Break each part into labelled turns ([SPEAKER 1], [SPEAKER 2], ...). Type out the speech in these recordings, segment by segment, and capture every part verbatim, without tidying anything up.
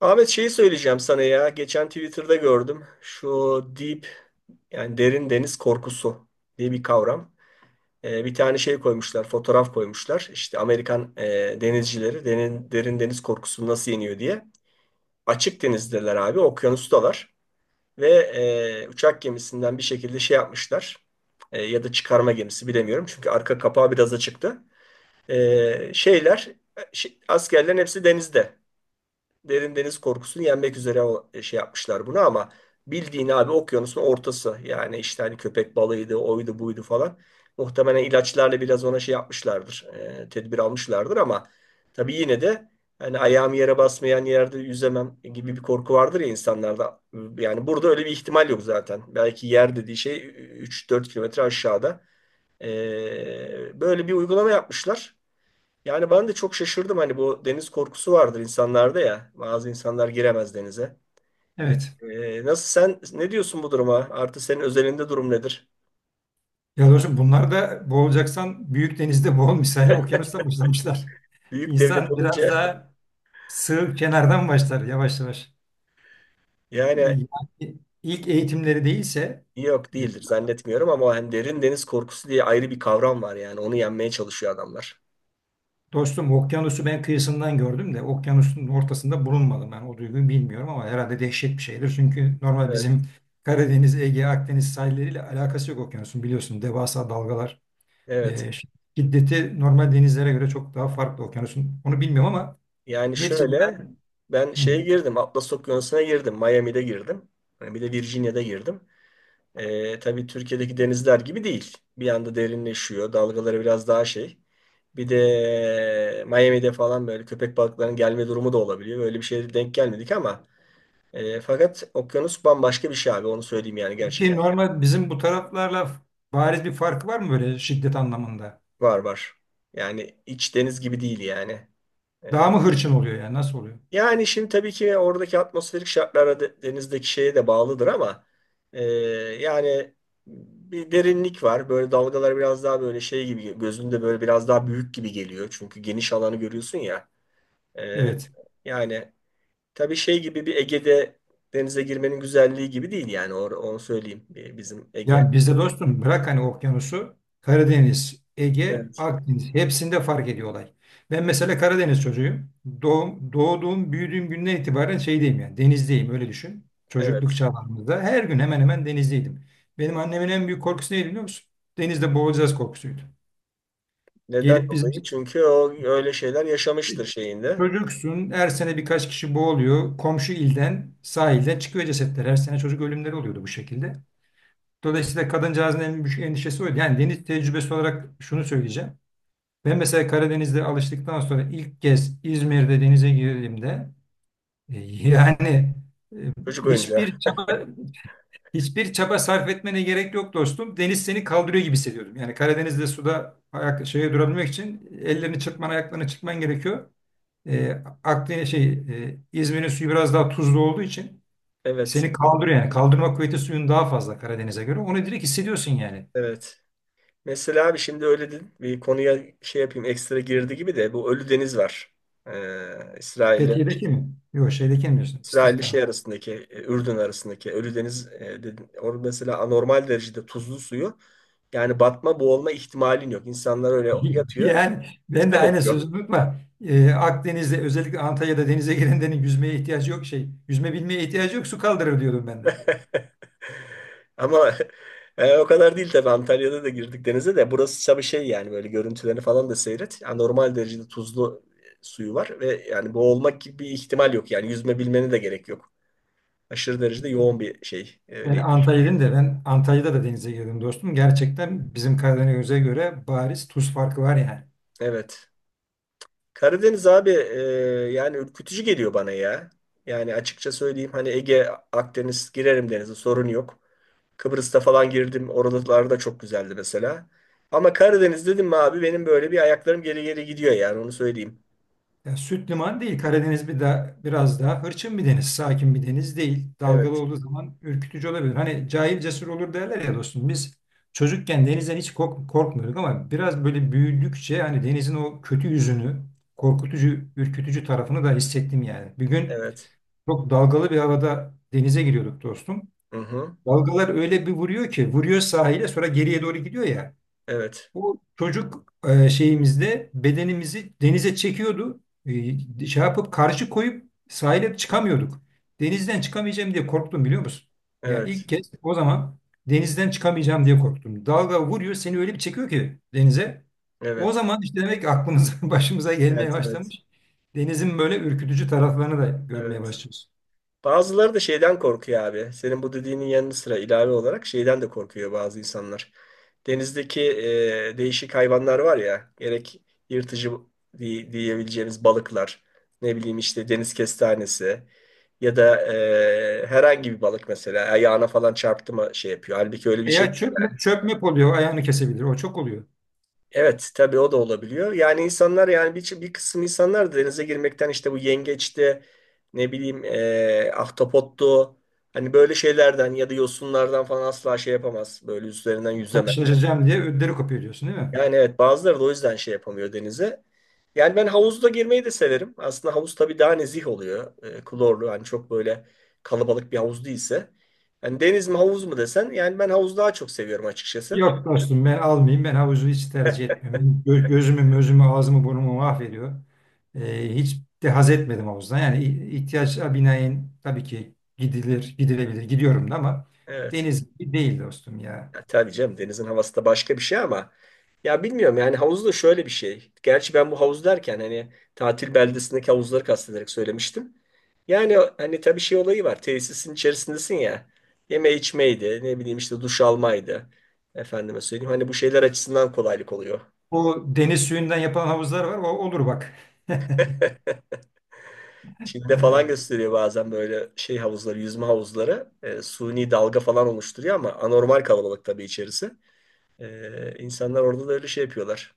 [SPEAKER 1] Ahmet şeyi söyleyeceğim sana ya. Geçen Twitter'da gördüm. Şu deep yani derin deniz korkusu diye bir kavram. Ee, bir tane şey koymuşlar, fotoğraf koymuşlar. İşte Amerikan e, denizcileri derin, derin deniz korkusunu nasıl yeniyor diye. Açık denizdeler abi, okyanustalar. Ve e, uçak gemisinden bir şekilde şey yapmışlar. E, ya da çıkarma gemisi bilemiyorum. Çünkü arka kapağı biraz açıktı. E, şeyler, e, şey- askerlerin hepsi denizde derin deniz korkusunu yenmek üzere o e, şey yapmışlar bunu. Ama bildiğin abi okyanusun ortası yani işte hani köpek balığıydı oydu buydu falan muhtemelen ilaçlarla biraz ona şey yapmışlardır, e, tedbir almışlardır ama tabii yine de hani ayağım yere basmayan yerde yüzemem gibi bir korku vardır ya insanlarda. Yani burada öyle bir ihtimal yok zaten, belki yer dediği şey 3-4 kilometre aşağıda. E, böyle bir uygulama yapmışlar. Yani ben de çok şaşırdım, hani bu deniz korkusu vardır insanlarda ya. Bazı insanlar giremez denize. E,
[SPEAKER 2] Evet.
[SPEAKER 1] e, nasıl, sen ne diyorsun bu duruma? Artı senin özelinde durum nedir?
[SPEAKER 2] Ya dostum bunlar da boğulacaksan büyük denizde boğul misali okyanusta başlamışlar.
[SPEAKER 1] Büyük devlet
[SPEAKER 2] İnsan biraz
[SPEAKER 1] olunca
[SPEAKER 2] daha sığ kenardan başlar yavaş yavaş.
[SPEAKER 1] yani
[SPEAKER 2] Yani ilk eğitimleri değilse
[SPEAKER 1] yok
[SPEAKER 2] e,
[SPEAKER 1] değildir, zannetmiyorum ama hani derin deniz korkusu diye ayrı bir kavram var, yani onu yenmeye çalışıyor adamlar.
[SPEAKER 2] dostum okyanusu ben kıyısından gördüm de okyanusun ortasında bulunmadım, ben o duyguyu bilmiyorum ama herhalde dehşet bir şeydir. Çünkü normal
[SPEAKER 1] Evet,
[SPEAKER 2] bizim Karadeniz, Ege, Akdeniz sahilleriyle alakası yok okyanusun, biliyorsun devasa dalgalar,
[SPEAKER 1] evet.
[SPEAKER 2] e, şiddeti normal denizlere göre çok daha farklı okyanusun, onu bilmiyorum ama
[SPEAKER 1] Yani
[SPEAKER 2] neticede.
[SPEAKER 1] şöyle, ben
[SPEAKER 2] Hı.
[SPEAKER 1] şeye girdim Atlas Okyanusu'na girdim, Miami'de girdim. Hani bir de Virginia'da girdim. Ee, tabii Türkiye'deki denizler gibi değil. Bir anda derinleşiyor. Dalgaları biraz daha şey. Bir de Miami'de falan böyle köpek balıklarının gelme durumu da olabiliyor. Böyle bir şeye denk gelmedik ama e, fakat okyanus bambaşka bir şey abi. Onu söyleyeyim, yani
[SPEAKER 2] Peki
[SPEAKER 1] gerçekten.
[SPEAKER 2] normal bizim bu taraflarla bariz bir farkı var mı böyle şiddet anlamında?
[SPEAKER 1] Var var. Yani iç deniz gibi değil yani. E,
[SPEAKER 2] Daha mı hırçın oluyor, yani nasıl oluyor?
[SPEAKER 1] Yani şimdi tabii ki oradaki atmosferik şartlara, de- denizdeki şeye de bağlıdır ama e, yani bir derinlik var. Böyle dalgalar biraz daha böyle şey gibi, gözünde böyle biraz daha büyük gibi geliyor. Çünkü geniş alanı görüyorsun ya. E,
[SPEAKER 2] Evet.
[SPEAKER 1] yani tabii şey gibi, bir Ege'de denize girmenin güzelliği gibi değil yani, or- onu söyleyeyim, e, bizim Ege.
[SPEAKER 2] Ya bizde dostum bırak hani okyanusu, Karadeniz, Ege,
[SPEAKER 1] Evet,
[SPEAKER 2] Akdeniz hepsinde fark ediyor olay. Ben mesela Karadeniz çocuğuyum. Doğum, doğduğum, büyüdüğüm günden itibaren şeydeyim, yani denizdeyim, öyle düşün. Çocukluk
[SPEAKER 1] evet.
[SPEAKER 2] çağlarımızda her gün hemen hemen denizdeydim. Benim annemin en büyük korkusu neydi biliyor musun? Denizde boğulacağız korkusuydu.
[SPEAKER 1] Neden
[SPEAKER 2] Gelip bizim
[SPEAKER 1] dolayı? Çünkü o öyle şeyler yaşamıştır şeyinde.
[SPEAKER 2] çocuksun, her sene birkaç kişi boğuluyor. Komşu ilden, sahilden çıkıyor cesetler. Her sene çocuk ölümleri oluyordu bu şekilde. Dolayısıyla kadıncağızın en büyük endişesi oydu. Yani deniz tecrübesi olarak şunu söyleyeceğim. Ben mesela Karadeniz'de alıştıktan sonra ilk kez İzmir'de denize girdiğimde e, yani e,
[SPEAKER 1] Çocuk oyuncağı.
[SPEAKER 2] hiçbir çaba hiçbir çaba sarf etmene gerek yok dostum. Deniz seni kaldırıyor gibi hissediyordum. Yani Karadeniz'de suda ayak şeye durabilmek için ellerini çırpman, ayaklarını çırpman gerekiyor. E, Akdeniz şey, e, İzmir'in suyu biraz daha tuzlu olduğu için
[SPEAKER 1] Evet,
[SPEAKER 2] seni kaldırıyor yani. Kaldırma kuvveti suyun daha fazla Karadeniz'e göre. Onu direkt hissediyorsun yani.
[SPEAKER 1] evet. Mesela abi şimdi öyle dedin. Bir konuya şey yapayım, ekstra girdi gibi de, bu Ölü Deniz var. Ee, İsrail'le
[SPEAKER 2] Fethiye'deki mi? Yok şeydeki mi diyorsun? İşte,
[SPEAKER 1] İsrail'le şey
[SPEAKER 2] tamam.
[SPEAKER 1] arasındaki, e, Ürdün arasındaki Ölü Deniz e, dedin. Orada mesela anormal derecede tuzlu suyu, yani batma boğulma ihtimalin yok. İnsanlar öyle yatıyor
[SPEAKER 2] Yani ben de
[SPEAKER 1] kitap
[SPEAKER 2] aynı sözü
[SPEAKER 1] okuyor.
[SPEAKER 2] unutma. E, Akdeniz'de özellikle Antalya'da denize girenlerin yüzmeye ihtiyacı yok şey. Yüzme bilmeye ihtiyacı yok, su kaldırır diyordum ben de.
[SPEAKER 1] Ama e, o kadar değil tabii, Antalya'da da girdik denize de, burası tabii şey yani, böyle görüntülerini falan da seyret. Anormal derecede tuzlu e, suyu var ve yani boğulmak gibi bir ihtimal yok, yani yüzme bilmene de gerek yok. Aşırı derecede yoğun bir şey.
[SPEAKER 2] Ben
[SPEAKER 1] Öyle.
[SPEAKER 2] Antalya'dayım da, ben Antalya'da da denize girdim dostum. Gerçekten bizim Karadeniz'e göre bariz tuz farkı var yani.
[SPEAKER 1] Evet. Karadeniz abi, e, yani ürkütücü geliyor bana ya. Yani açıkça söyleyeyim, hani Ege, Akdeniz girerim denize, sorun yok. Kıbrıs'ta falan girdim. Oralar da çok güzeldi mesela. Ama Karadeniz dedim mi abi, benim böyle bir ayaklarım geri geri gidiyor, yani onu söyleyeyim.
[SPEAKER 2] Ya süt liman değil. Karadeniz bir da biraz daha hırçın bir deniz. Sakin bir deniz değil. Dalgalı
[SPEAKER 1] Evet,
[SPEAKER 2] olduğu zaman ürkütücü olabilir. Hani cahil cesur olur derler ya dostum. Biz çocukken denizden hiç kork- korkmuyorduk ama biraz böyle büyüdükçe hani denizin o kötü yüzünü, korkutucu, ürkütücü tarafını da hissettim yani. Bir gün
[SPEAKER 1] evet.
[SPEAKER 2] çok dalgalı bir havada denize giriyorduk dostum.
[SPEAKER 1] Hı hı.
[SPEAKER 2] Dalgalar öyle bir vuruyor ki, vuruyor sahile sonra geriye doğru gidiyor ya.
[SPEAKER 1] Evet,
[SPEAKER 2] Bu çocuk e, şeyimizde bedenimizi denize çekiyordu. E, şey yapıp karşı koyup sahile çıkamıyorduk. Denizden çıkamayacağım diye korktum biliyor musun? Yani ilk
[SPEAKER 1] evet,
[SPEAKER 2] kez o zaman denizden çıkamayacağım diye korktum. Dalga vuruyor, seni öyle bir çekiyor ki denize. O
[SPEAKER 1] evet,
[SPEAKER 2] zaman işte demek ki aklımıza başımıza gelmeye
[SPEAKER 1] evet, evet, evet,
[SPEAKER 2] başlamış. Denizin böyle ürkütücü taraflarını da görmeye
[SPEAKER 1] evet.
[SPEAKER 2] başlıyoruz.
[SPEAKER 1] Bazıları da şeyden korkuyor abi. Senin bu dediğinin yanı sıra, ilave olarak şeyden de korkuyor bazı insanlar. Denizdeki e, değişik hayvanlar var ya, gerek yırtıcı diye- diyebileceğimiz balıklar, ne bileyim işte deniz kestanesi, ya da e, herhangi bir balık mesela ayağına falan çarptı mı şey yapıyor. Halbuki öyle bir şey.
[SPEAKER 2] Veya çökme, çökmek oluyor, ayağını kesebilir. O çok oluyor.
[SPEAKER 1] Evet tabii, o da olabiliyor. Yani insanlar, yani bir, bir kısım insanlar da denize girmekten, işte bu yengeçti, ne bileyim eee ahtapottu, hani böyle şeylerden ya da yosunlardan falan asla şey yapamaz. Böyle üzerinden yüzemez.
[SPEAKER 2] Karşılaşacağım diye ödleri kopuyor diyorsun değil mi?
[SPEAKER 1] Yani evet, bazıları da o yüzden şey yapamıyor denize. Yani ben havuzda girmeyi de severim. Aslında havuz tabii daha nezih oluyor. Eee, klorlu, hani çok böyle kalabalık bir havuz değilse. Yani deniz mi havuz mu desen, yani ben havuzu daha çok seviyorum açıkçası.
[SPEAKER 2] Yok dostum ben almayayım. Ben havuzu hiç tercih etmiyorum. gö- Gözümü, gözümü, ağzımı, burnumu mahvediyor. Ee, hiç de haz etmedim havuzdan. Yani i- ihtiyaca binaen tabii ki gidilir, gidilebilir. Gidiyorum da ama
[SPEAKER 1] Evet.
[SPEAKER 2] deniz gibi değil dostum ya.
[SPEAKER 1] Ya tabii canım, denizin havası da başka bir şey ama ya bilmiyorum, yani havuz da şöyle bir şey. Gerçi ben bu havuz derken hani tatil beldesindeki havuzları kastederek söylemiştim. Yani hani tabii şey olayı var. Tesisin içerisindesin ya. Yeme içmeydi, ne bileyim işte duş almaydı. Efendime söyleyeyim, hani bu şeyler açısından kolaylık oluyor.
[SPEAKER 2] O deniz suyundan yapılan havuzlar var. O olur bak.
[SPEAKER 1] Çin'de falan
[SPEAKER 2] Ee,
[SPEAKER 1] gösteriyor bazen böyle şey havuzları, yüzme havuzları. E, suni dalga falan oluşturuyor ama anormal kalabalık tabii içerisi. E, insanlar orada da öyle şey yapıyorlar.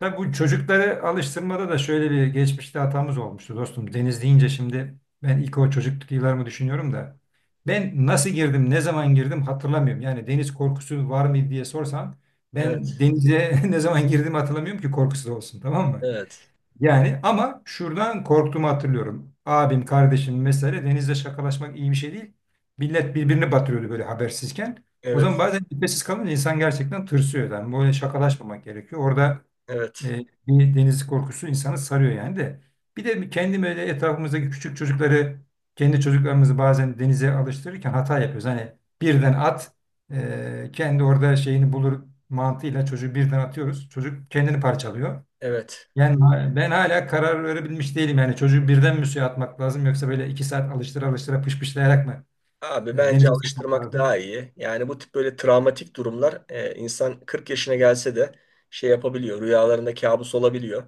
[SPEAKER 2] Tabii bu çocukları alıştırmada da şöyle bir geçmişte hatamız olmuştu dostum. Deniz deyince şimdi ben ilk o çocukluk yıllarımı düşünüyorum da ben nasıl girdim, ne zaman girdim hatırlamıyorum. Yani deniz korkusu var mıydı diye sorsan ben
[SPEAKER 1] Evet,
[SPEAKER 2] denize ne zaman girdiğimi hatırlamıyorum ki korkusuz olsun, tamam mı?
[SPEAKER 1] evet.
[SPEAKER 2] Yani ama şuradan korktuğumu hatırlıyorum. Abim, kardeşim mesela, denizde şakalaşmak iyi bir şey değil. Millet birbirini batırıyordu böyle habersizken. O zaman
[SPEAKER 1] Evet,
[SPEAKER 2] bazen nefessiz kalınca insan gerçekten tırsıyor. Yani böyle şakalaşmamak gerekiyor. Orada
[SPEAKER 1] evet,
[SPEAKER 2] e, bir deniz korkusu insanı sarıyor yani de. Bir de kendim öyle, etrafımızdaki küçük çocukları, kendi çocuklarımızı bazen denize alıştırırken hata yapıyoruz. Hani birden at, e, kendi orada şeyini bulur mantığıyla çocuğu birden atıyoruz. Çocuk kendini parçalıyor.
[SPEAKER 1] evet.
[SPEAKER 2] Yani ben hala karar verebilmiş değilim. Yani çocuğu birden mi suya atmak lazım, yoksa böyle iki saat alıştıra alıştıra pışpışlayarak mı
[SPEAKER 1] Abi
[SPEAKER 2] e,
[SPEAKER 1] bence
[SPEAKER 2] denize sokmak
[SPEAKER 1] alıştırmak
[SPEAKER 2] lazım?
[SPEAKER 1] daha iyi. Yani bu tip böyle travmatik durumlar e, insan kırk yaşına gelse de şey yapabiliyor. Rüyalarında kabus olabiliyor.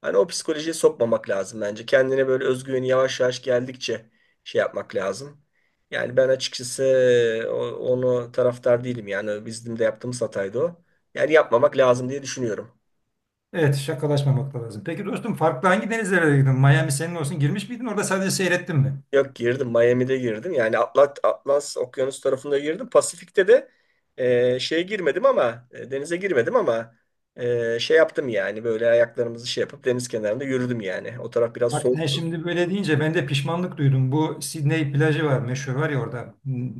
[SPEAKER 1] Hani o psikolojiye sokmamak lazım bence. Kendine böyle özgüveni yavaş yavaş geldikçe şey yapmak lazım. Yani ben açıkçası e, o- onu taraftar değilim. Yani bizim de yaptığımız hataydı o. Yani yapmamak lazım diye düşünüyorum.
[SPEAKER 2] Evet, şakalaşmamak da lazım. Peki dostum, farklı hangi denizlere gittin? Miami senin olsun, girmiş miydin? Orada sadece seyrettin mi?
[SPEAKER 1] Yok girdim. Miami'de girdim. Yani Atlat, Atlas Okyanus tarafında girdim. Pasifik'te de e, şeye girmedim ama e, denize girmedim ama e, şey yaptım, yani böyle ayaklarımızı şey yapıp deniz kenarında yürüdüm yani. O taraf biraz
[SPEAKER 2] Bak sen
[SPEAKER 1] soğuktu.
[SPEAKER 2] şimdi böyle deyince ben de pişmanlık duydum. Bu Sydney plajı var meşhur, var ya orada. Hmm,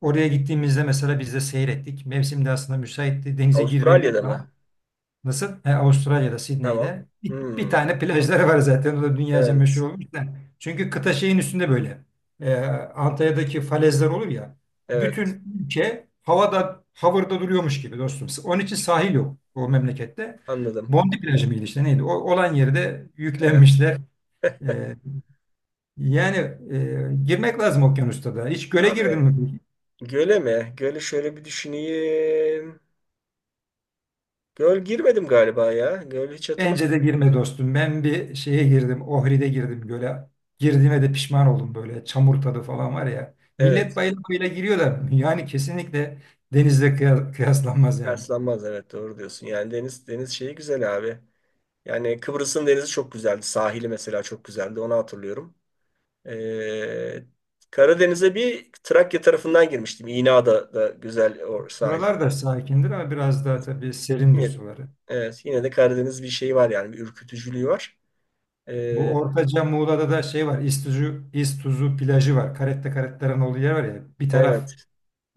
[SPEAKER 2] oraya gittiğimizde mesela biz de seyrettik. Mevsim de aslında müsaitti. Denize
[SPEAKER 1] Avustralya'da
[SPEAKER 2] girilebilirdi
[SPEAKER 1] mı?
[SPEAKER 2] ama nasıl? He, Avustralya'da,
[SPEAKER 1] Tamam.
[SPEAKER 2] Sydney'de bir, bir
[SPEAKER 1] Hmm,
[SPEAKER 2] tane plajları var zaten. O da dünyaca meşhur
[SPEAKER 1] evet.
[SPEAKER 2] olmuş da. Çünkü kıta şeyin üstünde böyle. Ee, Antalya'daki falezler olur ya.
[SPEAKER 1] Evet.
[SPEAKER 2] Bütün ülke havada, havırda duruyormuş gibi dostum. Onun için sahil yok o memlekette.
[SPEAKER 1] Anladım.
[SPEAKER 2] Bondi plajı mıydı işte neydi? O, olan yeri de
[SPEAKER 1] Evet.
[SPEAKER 2] yüklenmişler. E, yani e, girmek lazım okyanusta da. Hiç göle girdin
[SPEAKER 1] Abi,
[SPEAKER 2] mi?
[SPEAKER 1] göle mi? Göle şöyle bir düşüneyim. Göl girmedim galiba ya. Göl hiç
[SPEAKER 2] Bence de
[SPEAKER 1] hatırlamıyorum.
[SPEAKER 2] girme dostum. Ben bir şeye girdim. Ohri'de girdim göle. Girdiğime de pişman oldum böyle. Çamur tadı falan var ya. Millet
[SPEAKER 1] Evet.
[SPEAKER 2] bayıla giriyor da yani kesinlikle denizle kıya- kıyaslanmaz yani.
[SPEAKER 1] Yaslanmaz, evet doğru diyorsun. Yani deniz deniz şeyi güzel abi. Yani Kıbrıs'ın denizi çok güzeldi. Sahili mesela çok güzeldi. Onu hatırlıyorum. Ee, Karadeniz'e bir Trakya tarafından girmiştim. İna'da da güzel o sahil.
[SPEAKER 2] Buralar da sakindir ama biraz daha tabii serindir
[SPEAKER 1] Yine-
[SPEAKER 2] suları.
[SPEAKER 1] Evet, yine de Karadeniz bir şeyi var, yani bir ürkütücülüğü var.
[SPEAKER 2] Bu
[SPEAKER 1] Ee,
[SPEAKER 2] Ortaca Muğla'da da şey var. İztuzu, İztuzu plajı var. Caretta Caretta'nın olduğu yer var ya. Bir taraf,
[SPEAKER 1] evet,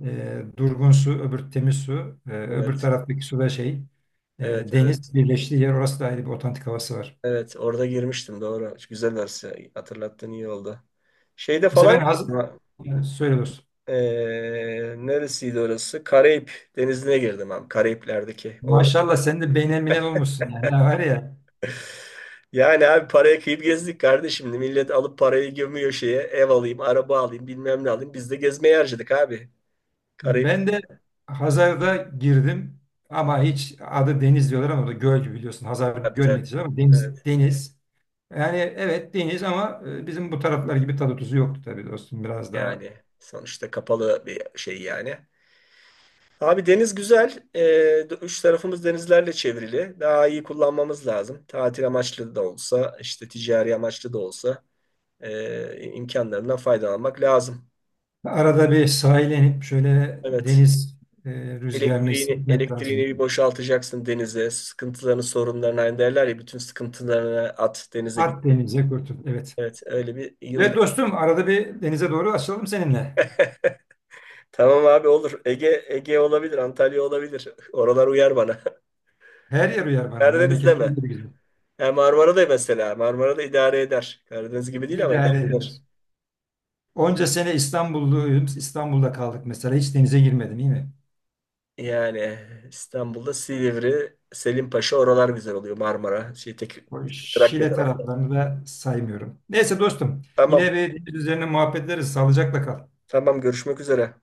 [SPEAKER 2] E, durgun su, öbür temiz su. E, öbür
[SPEAKER 1] evet,
[SPEAKER 2] taraftaki su ve şey,
[SPEAKER 1] evet,
[SPEAKER 2] e,
[SPEAKER 1] evet,
[SPEAKER 2] deniz birleştiği yer. Orası da ayrı bir otantik havası var.
[SPEAKER 1] evet. Orada girmiştim, doğru. Güzel orası. Hatırlattığın iyi oldu. Şeyde
[SPEAKER 2] Mesela ben
[SPEAKER 1] falan,
[SPEAKER 2] hazır, yani söyle dostum.
[SPEAKER 1] ee, neresiydi orası? Karayip Denizi'ne girdim abi. Karayipler'deki. O-
[SPEAKER 2] Maşallah sen de beynel minel olmuşsun yani. Ha, var ya
[SPEAKER 1] Yani abi paraya kıyıp gezdik kardeşim. Millet alıp parayı gömüyor şeye. Ev alayım, araba alayım, bilmem ne alayım. Biz de gezmeye harcadık abi. Karayip
[SPEAKER 2] ben de Hazar'da girdim ama hiç adı deniz diyorlar ama o da göl gibi biliyorsun. Hazar göl
[SPEAKER 1] kapitali.
[SPEAKER 2] neticede ama deniz,
[SPEAKER 1] Evet,
[SPEAKER 2] deniz. Yani evet deniz ama e, bizim bu taraflar gibi tadı tuzu yoktu tabii dostum. Biraz daha.
[SPEAKER 1] yani sonuçta kapalı bir şey yani. Abi deniz güzel. Ee, üç tarafımız denizlerle çevrili. Daha iyi kullanmamız lazım. Tatil amaçlı da olsa, işte ticari amaçlı da olsa ee, imkanlarından faydalanmak lazım.
[SPEAKER 2] Arada bir sahile inip şöyle
[SPEAKER 1] Evet.
[SPEAKER 2] deniz e, rüzgarını
[SPEAKER 1] Elektriğini,
[SPEAKER 2] hissetmek lazım.
[SPEAKER 1] elektriğini bir boşaltacaksın denize. Sıkıntılarını, sorunlarını, aynı derler ya, bütün sıkıntılarını at denize
[SPEAKER 2] At
[SPEAKER 1] gittin.
[SPEAKER 2] denize kurtul. Evet.
[SPEAKER 1] Evet, öyle bir
[SPEAKER 2] Evet
[SPEAKER 1] yılda.
[SPEAKER 2] dostum, arada bir denize doğru açılalım seninle.
[SPEAKER 1] Tamam abi, olur. Ege Ege olabilir, Antalya olabilir. Oralar uyar bana.
[SPEAKER 2] Her yer uyar bana.
[SPEAKER 1] Karadeniz
[SPEAKER 2] Memleketim
[SPEAKER 1] deme.
[SPEAKER 2] gibi güzel.
[SPEAKER 1] Ya Marmara da mesela. Marmara da idare eder. Karadeniz gibi değil ama
[SPEAKER 2] İdare
[SPEAKER 1] idare eder.
[SPEAKER 2] edilir. Onca sene İstanbulluyum. İstanbul'da kaldık mesela. Hiç denize girmedim iyi mi?
[SPEAKER 1] Yani İstanbul'da Silivri, Selimpaşa oralar güzel oluyor. Marmara, şey tek
[SPEAKER 2] O
[SPEAKER 1] Trakya
[SPEAKER 2] Şile
[SPEAKER 1] tarafı.
[SPEAKER 2] taraflarını da saymıyorum. Neyse dostum. Yine
[SPEAKER 1] Tamam.
[SPEAKER 2] bir deniz üzerine muhabbet ederiz. Sağlıcakla kal.
[SPEAKER 1] Tamam, görüşmek üzere.